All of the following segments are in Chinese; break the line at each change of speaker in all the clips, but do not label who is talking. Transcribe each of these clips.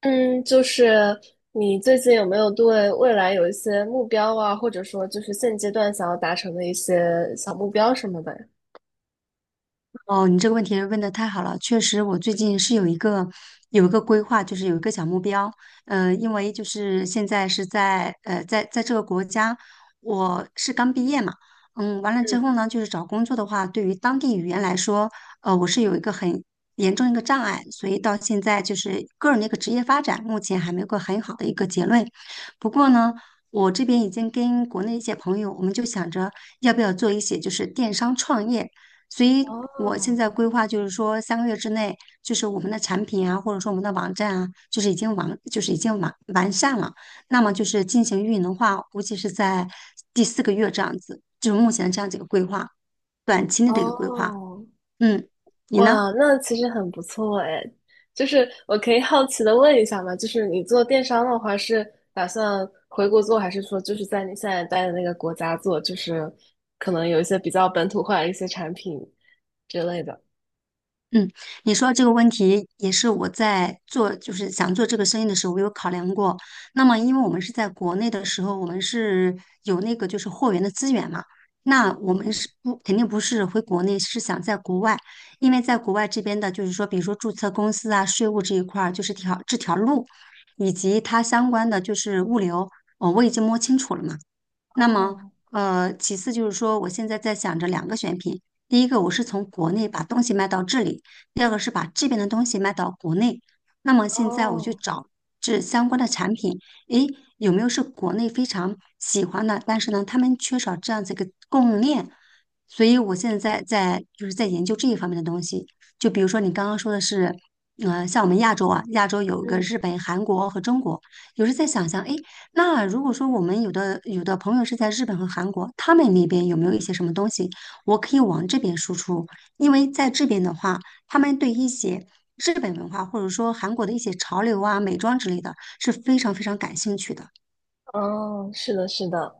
嗯，就是你最近有没有对未来有一些目标啊，或者说就是现阶段想要达成的一些小目标什么的呀？
哦，你这个问题问的太好了，确实，我最近是有一个规划，就是有一个小目标。因为就是现在是在这个国家，我是刚毕业嘛。完了之后呢，就是找工作的话，对于当地语言来说，我是有一个很严重一个障碍，所以到现在就是个人的一个职业发展，目前还没有个很好的一个结论。不过呢，我这边已经跟国内一些朋友，我们就想着要不要做一些就是电商创业。所以我现
哦
在规划就是说，3个月之内，就是我们的产品啊，或者说我们的网站啊，就是已经完善了。那么就是进行运营的话，估计是在第四个月这样子，就是目前这样子一个规划，短期内的一个规划。
哦，
嗯，你呢？
哇，那其实很不错哎。就是我可以好奇的问一下吗？就是你做电商的话，是打算回国做，还是说就是在你现在待的那个国家做？就是可能有一些比较本土化的一些产品之类的。
嗯，你说这个问题也是我在做，就是想做这个生意的时候，我有考量过。那么，因为我们是在国内的时候，我们是有那个就是货源的资源嘛，那我们
嗯，
是不肯定不是回国内，是想在国外，因为在国外这边的，就是说，比如说注册公司啊、税务这一块儿，就是这条路，以及它相关的就是物流，哦，我已经摸清楚了嘛。那么，
哦
其次就是说，我现在在想着两个选品，第一个我是从国内把东西卖到这里，第二个是把这边的东西卖到国内。那么现在我去
哦。
找这相关的产品，诶，有没有是国内非常喜欢的，但是呢，他们缺少这样子一个供应链，所以我现在在研究这一方面的东西。就比如说你刚刚说的是，像我们亚洲啊，亚洲有一个
嗯，
日本、韩国和中国。有时在想想，哎，那如果说我们有的朋友是在日本和韩国，他们那边有没有一些什么东西，我可以往这边输出？因为在这边的话，他们对一些日本文化或者说韩国的一些潮流啊、美妆之类的是非常非常感兴趣的。
哦，是的，是的，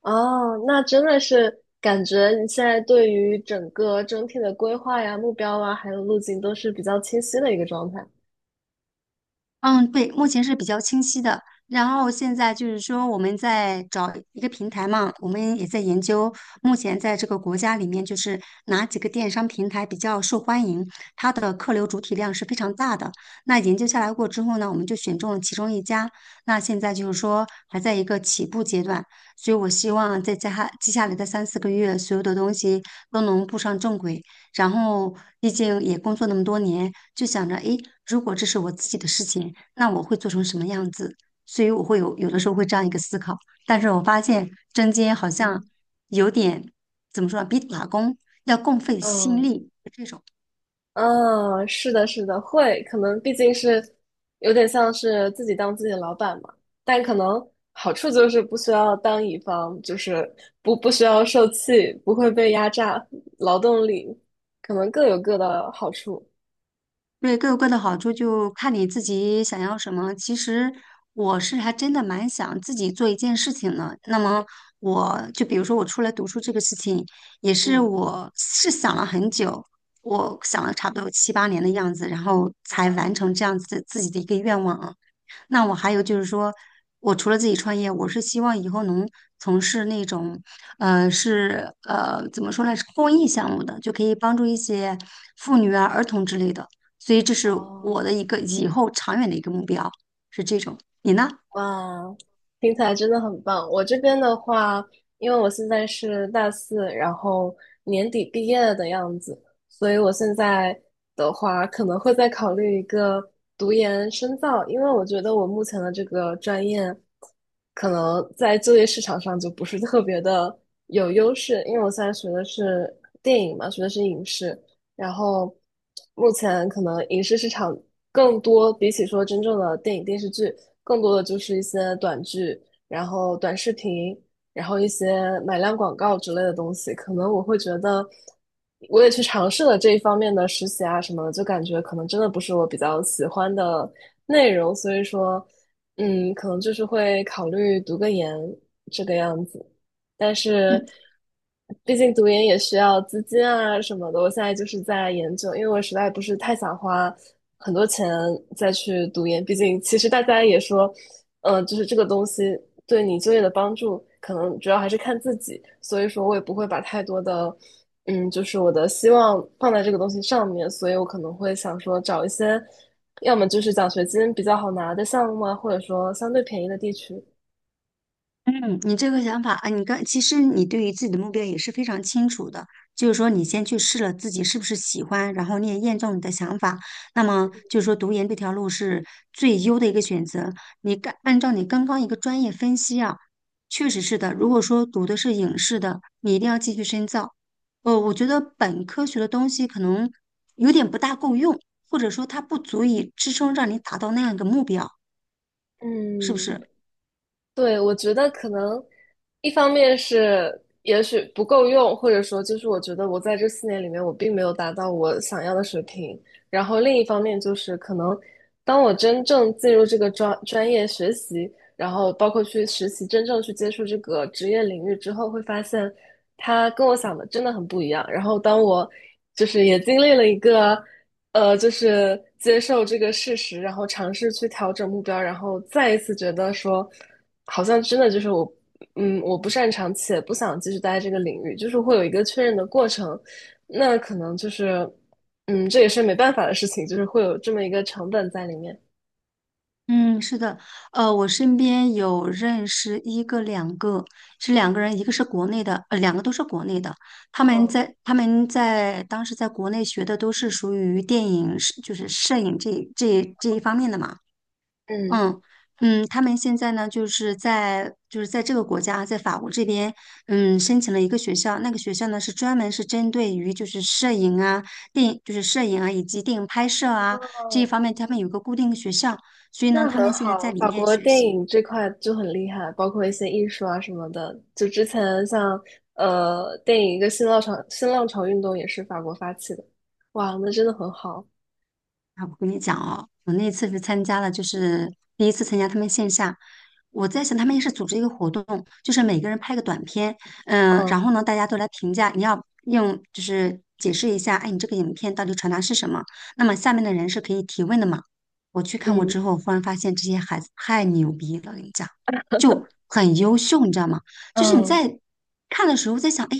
哦，那真的是感觉你现在对于整个整体的规划呀、目标啊，还有路径都是比较清晰的一个状态。
嗯，对，目前是比较清晰的。然后现在就是说，我们在找一个平台嘛，我们也在研究，目前在这个国家里面，就是哪几个电商平台比较受欢迎，它的客流主体量是非常大的。那研究下来过之后呢，我们就选中了其中一家。那现在就是说还在一个起步阶段，所以我希望在接下来的3、4个月，所有的东西都能步上正轨。然后，毕竟也工作那么多年，就想着，诶，如果这是我自己的事情。那我会做成什么样子？所以我会有的时候会这样一个思考，但是我发现针尖好像
嗯
有点怎么说呢，比打工要更费心
嗯，
力这种。
哦，是的，是的，会，可能毕竟是有点像是自己当自己的老板嘛，但可能好处就是不需要当乙方，就是不需要受气，不会被压榨，劳动力可能各有各的好处。
对，各有各的好处，就看你自己想要什么。其实我是还真的蛮想自己做一件事情的。那么我就比如说我出来读书这个事情，也是
嗯，
我是想了很久，我想了差不多有7、8年的样子，然后才
哇，
完成这样子自己的一个愿望啊。那我还有就是说，我除了自己创业，我是希望以后能从事那种，怎么说呢，是公益项目的，就可以帮助一些妇女啊、儿童之类的。所以这是我
哦。
的一个以后长远的一个目标，是这种。你呢？
哇，听起来真的很棒。我这边的话，因为我现在是大四，然后年底毕业的样子，所以我现在的话可能会再考虑一个读研深造，因为我觉得我目前的这个专业可能在就业市场上就不是特别的有优势，因为我现在学的是电影嘛，学的是影视，然后目前可能影视市场更多，比起说真正的电影电视剧，更多的就是一些短剧，然后短视频，然后一些买量广告之类的东西。可能我会觉得，我也去尝试了这一方面的实习啊什么的，就感觉可能真的不是我比较喜欢的内容，所以说，嗯，可能就是会考虑读个研这个样子。但是
嗯。
毕竟读研也需要资金啊什么的。我现在就是在研究，因为我实在不是太想花很多钱再去读研。毕竟其实大家也说，嗯、就是这个东西对你就业的帮助，可能主要还是看自己。所以说我也不会把太多的，嗯，就是我的希望放在这个东西上面。所以我可能会想说找一些。要么就是奖学金比较好拿的项目啊，或者说相对便宜的地区。
嗯，你这个想法啊，其实你对于自己的目标也是非常清楚的，就是说你先去试了自己是不是喜欢，然后你也验证你的想法，那么就是说读研这条路是最优的一个选择。按照你刚刚一个专业分析啊，确实是的。如果说读的是影视的，你一定要继续深造。我觉得本科学的东西可能有点不大够用，或者说它不足以支撑让你达到那样一个目标，是不
嗯，
是？
对，我觉得可能一方面是也许不够用，或者说就是我觉得我在这四年里面我并没有达到我想要的水平。然后另一方面就是可能当我真正进入这个专业学习，然后包括去实习，真正去接触这个职业领域之后，会发现它跟我想的真的很不一样。然后当我就是也经历了一个，就是接受这个事实，然后尝试去调整目标，然后再一次觉得说，好像真的就是我，嗯，我不擅长且不想继续待在这个领域，就是会有一个确认的过程。那可能就是，嗯，这也是没办法的事情，就是会有这么一个成本在里面。
嗯，是的，我身边有认识一个两个，是两个人，一个是国内的，两个都是国内的。他们
嗯。
在他们在当时在国内学的都是属于电影，就是摄影这一方面的嘛。
嗯。
嗯他们现在呢，就是在这个国家，在法国这边，申请了一个学校，那个学校呢是专门是针对于就是摄影啊、电影就是摄影啊以及电影拍摄啊这一方面，他们有个固定的学校，所以呢，
那
他
很
们现在
好，
在里
法
面
国
学
电
习。
影这块就很厉害，包括一些艺术啊什么的。就之前像电影一个新浪潮运动也是法国发起的，哇，那真的很好。
啊，我跟你讲哦，我那次是参加了，就是第一次参加他们线下。我在想，他们也是组织一个活动，就是每个人拍个短片，然
嗯
后呢，大家都来评价，你要用就是解释一下，哎，你这个影片到底传达是什么？那么下面的人是可以提问的嘛？我去看过
嗯
之后，忽然发现这些孩子太牛逼了，我跟你讲，就很优秀，你知道吗？就是你
嗯
在看的时候在想，哎，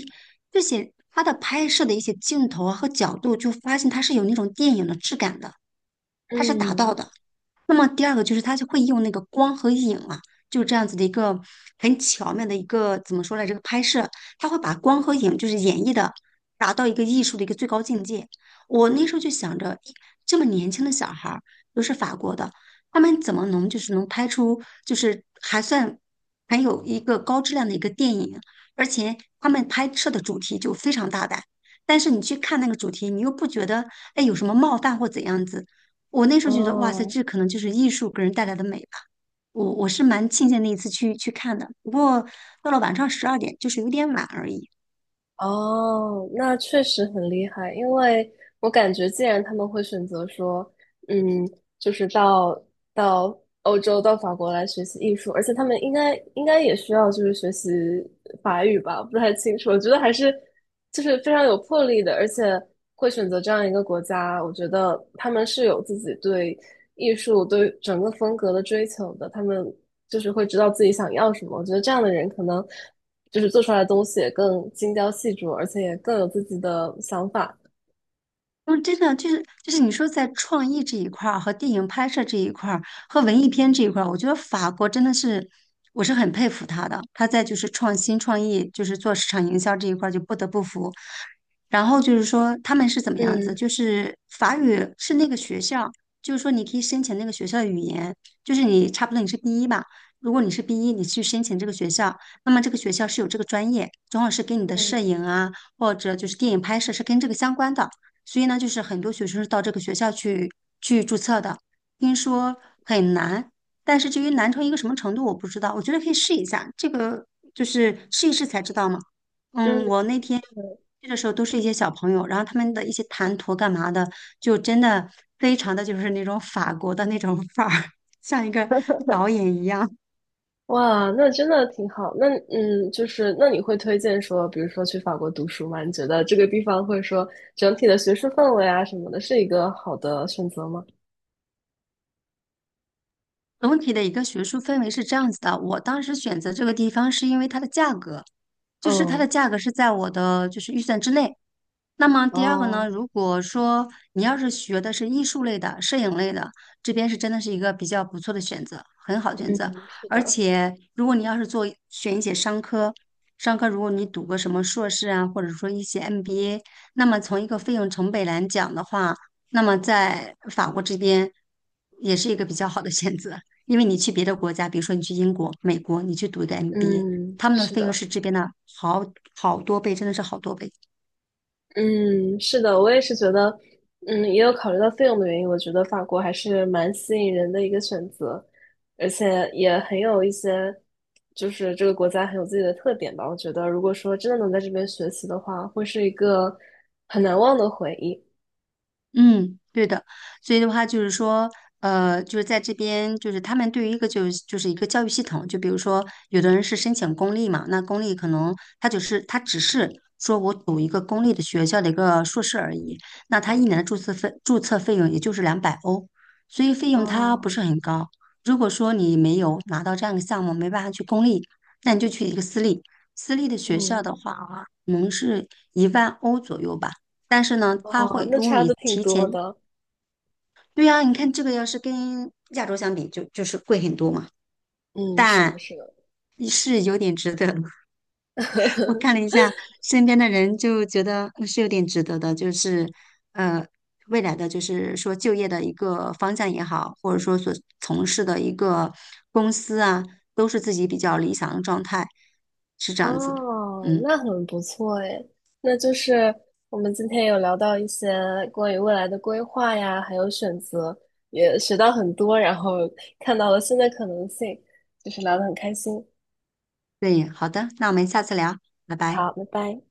这些他的拍摄的一些镜头啊和角度，就发现他是有那种电影的质感的。它是达到
嗯，
的。那么第二个就是他就会用那个光和影啊，就是这样子的一个很巧妙的一个怎么说来这个拍摄，他会把光和影就是演绎的达到一个艺术的一个最高境界。我那时候就想着，诶这么年轻的小孩儿，又是法国的，他们怎么能就是能拍出就是还算很有一个高质量的一个电影，而且他们拍摄的主题就非常大胆。但是你去看那个主题，你又不觉得哎有什么冒犯或怎样子，我那时候觉得，哇塞，
哦。
这可能就是艺术给人带来的美吧。我是蛮庆幸那一次去看的，不过到了晚上12点，就是有点晚而已。
哦，那确实很厉害，因为我感觉，既然他们会选择说，嗯，就是到欧洲、到法国来学习艺术，而且他们应该也需要就是学习法语吧，不太清楚。我觉得还是就是非常有魄力的，而且会选择这样一个国家，我觉得他们是有自己对艺术对整个风格的追求的，他们就是会知道自己想要什么。我觉得这样的人可能就是做出来的东西也更精雕细琢，而且也更有自己的想法。
嗯，真的就是你说在创意这一块儿和电影拍摄这一块儿和文艺片这一块儿，我觉得法国真的是我是很佩服他的。他在就是创新创意，就是做市场营销这一块儿就不得不服。然后就是说他们是怎么样子，
嗯
就是法语是那个学校，就是说你可以申请那个学校的语言，就是你差不多你是 B 一吧，如果你是 B 一，你去申请这个学校，那么这个学校是有这个专业，正好是跟你的摄
嗯
影啊或者就是电影拍摄是跟这个相关的。所以呢，就是很多学生是到这个学校去注册的。听说很难，但是至于难成一个什么程度，我不知道。我觉得可以试一下，这个就是试一试才知道嘛。
嗯，
我那天去的时候都是一些小朋友，然后他们的一些谈吐干嘛的，就真的非常的就是那种法国的那种 范儿，像一个导演一样。
哇，那真的挺好。那嗯，就是那你会推荐说，比如说去法国读书吗？你觉得这个地方会说整体的学术氛围啊什么的，是一个好的选择吗？
总体的一个学术氛围是这样子的，我当时选择这个地方是因为它的价格，就是它
嗯，
的价格是在我的就是预算之内，那么第二个呢，
哦，
如果说你要是学的是艺术类的、摄影类的，这边是真的是一个比较不错的选择，很好的选择。
嗯，是
而
的，
且，如果你要是选一些商科，商科如果你读个什么硕士啊，或者说一些 MBA,那么从一个费用成本来讲的话，那么在法国这边也是一个比较好的选择，因为你去别的国家，比如说你去英国、美国，你去读一个 MBA,
嗯，
他们的
是
费用是
的。
这边的好好多倍，真的是好多倍。
嗯，是的，我也是觉得，嗯，也有考虑到费用的原因，我觉得法国还是蛮吸引人的一个选择，而且也很有一些，就是这个国家很有自己的特点吧。我觉得，如果说真的能在这边学习的话，会是一个很难忘的回忆。
嗯，对的，所以的话就是说，就是在这边，就是他们对于一个就是一个教育系统，就比如说，有的人是申请公立嘛，那公立可能他只是说我读一个公立的学校的一个硕士而已，那他一年的注册费用也就是200欧，所以费用它不
哦，
是很高。如果说你没有拿到这样一个项目，没办法去公立，那你就去一个私立，私立的学校
嗯，
的话啊，可能是1万欧左右吧。但是呢，它
哦，
会
那
如果
差
你
的挺
提
多
前，
的。
对呀，你看这个要是跟亚洲相比就，就是贵很多嘛，
嗯，是的，
但
是的。
是有点值得。我 看了一下身边的人，就觉得是有点值得的，就是呃，未来的就是说就业的一个方向也好，或者说所从事的一个公司啊，都是自己比较理想的状态，是这样子。
哦，
嗯，
那很不错诶。那就是我们今天有聊到一些关于未来的规划呀，还有选择，也学到很多，然后看到了新的可能性，就是聊得很开心。
对，好的，那我们下次聊，拜拜。
好，拜拜。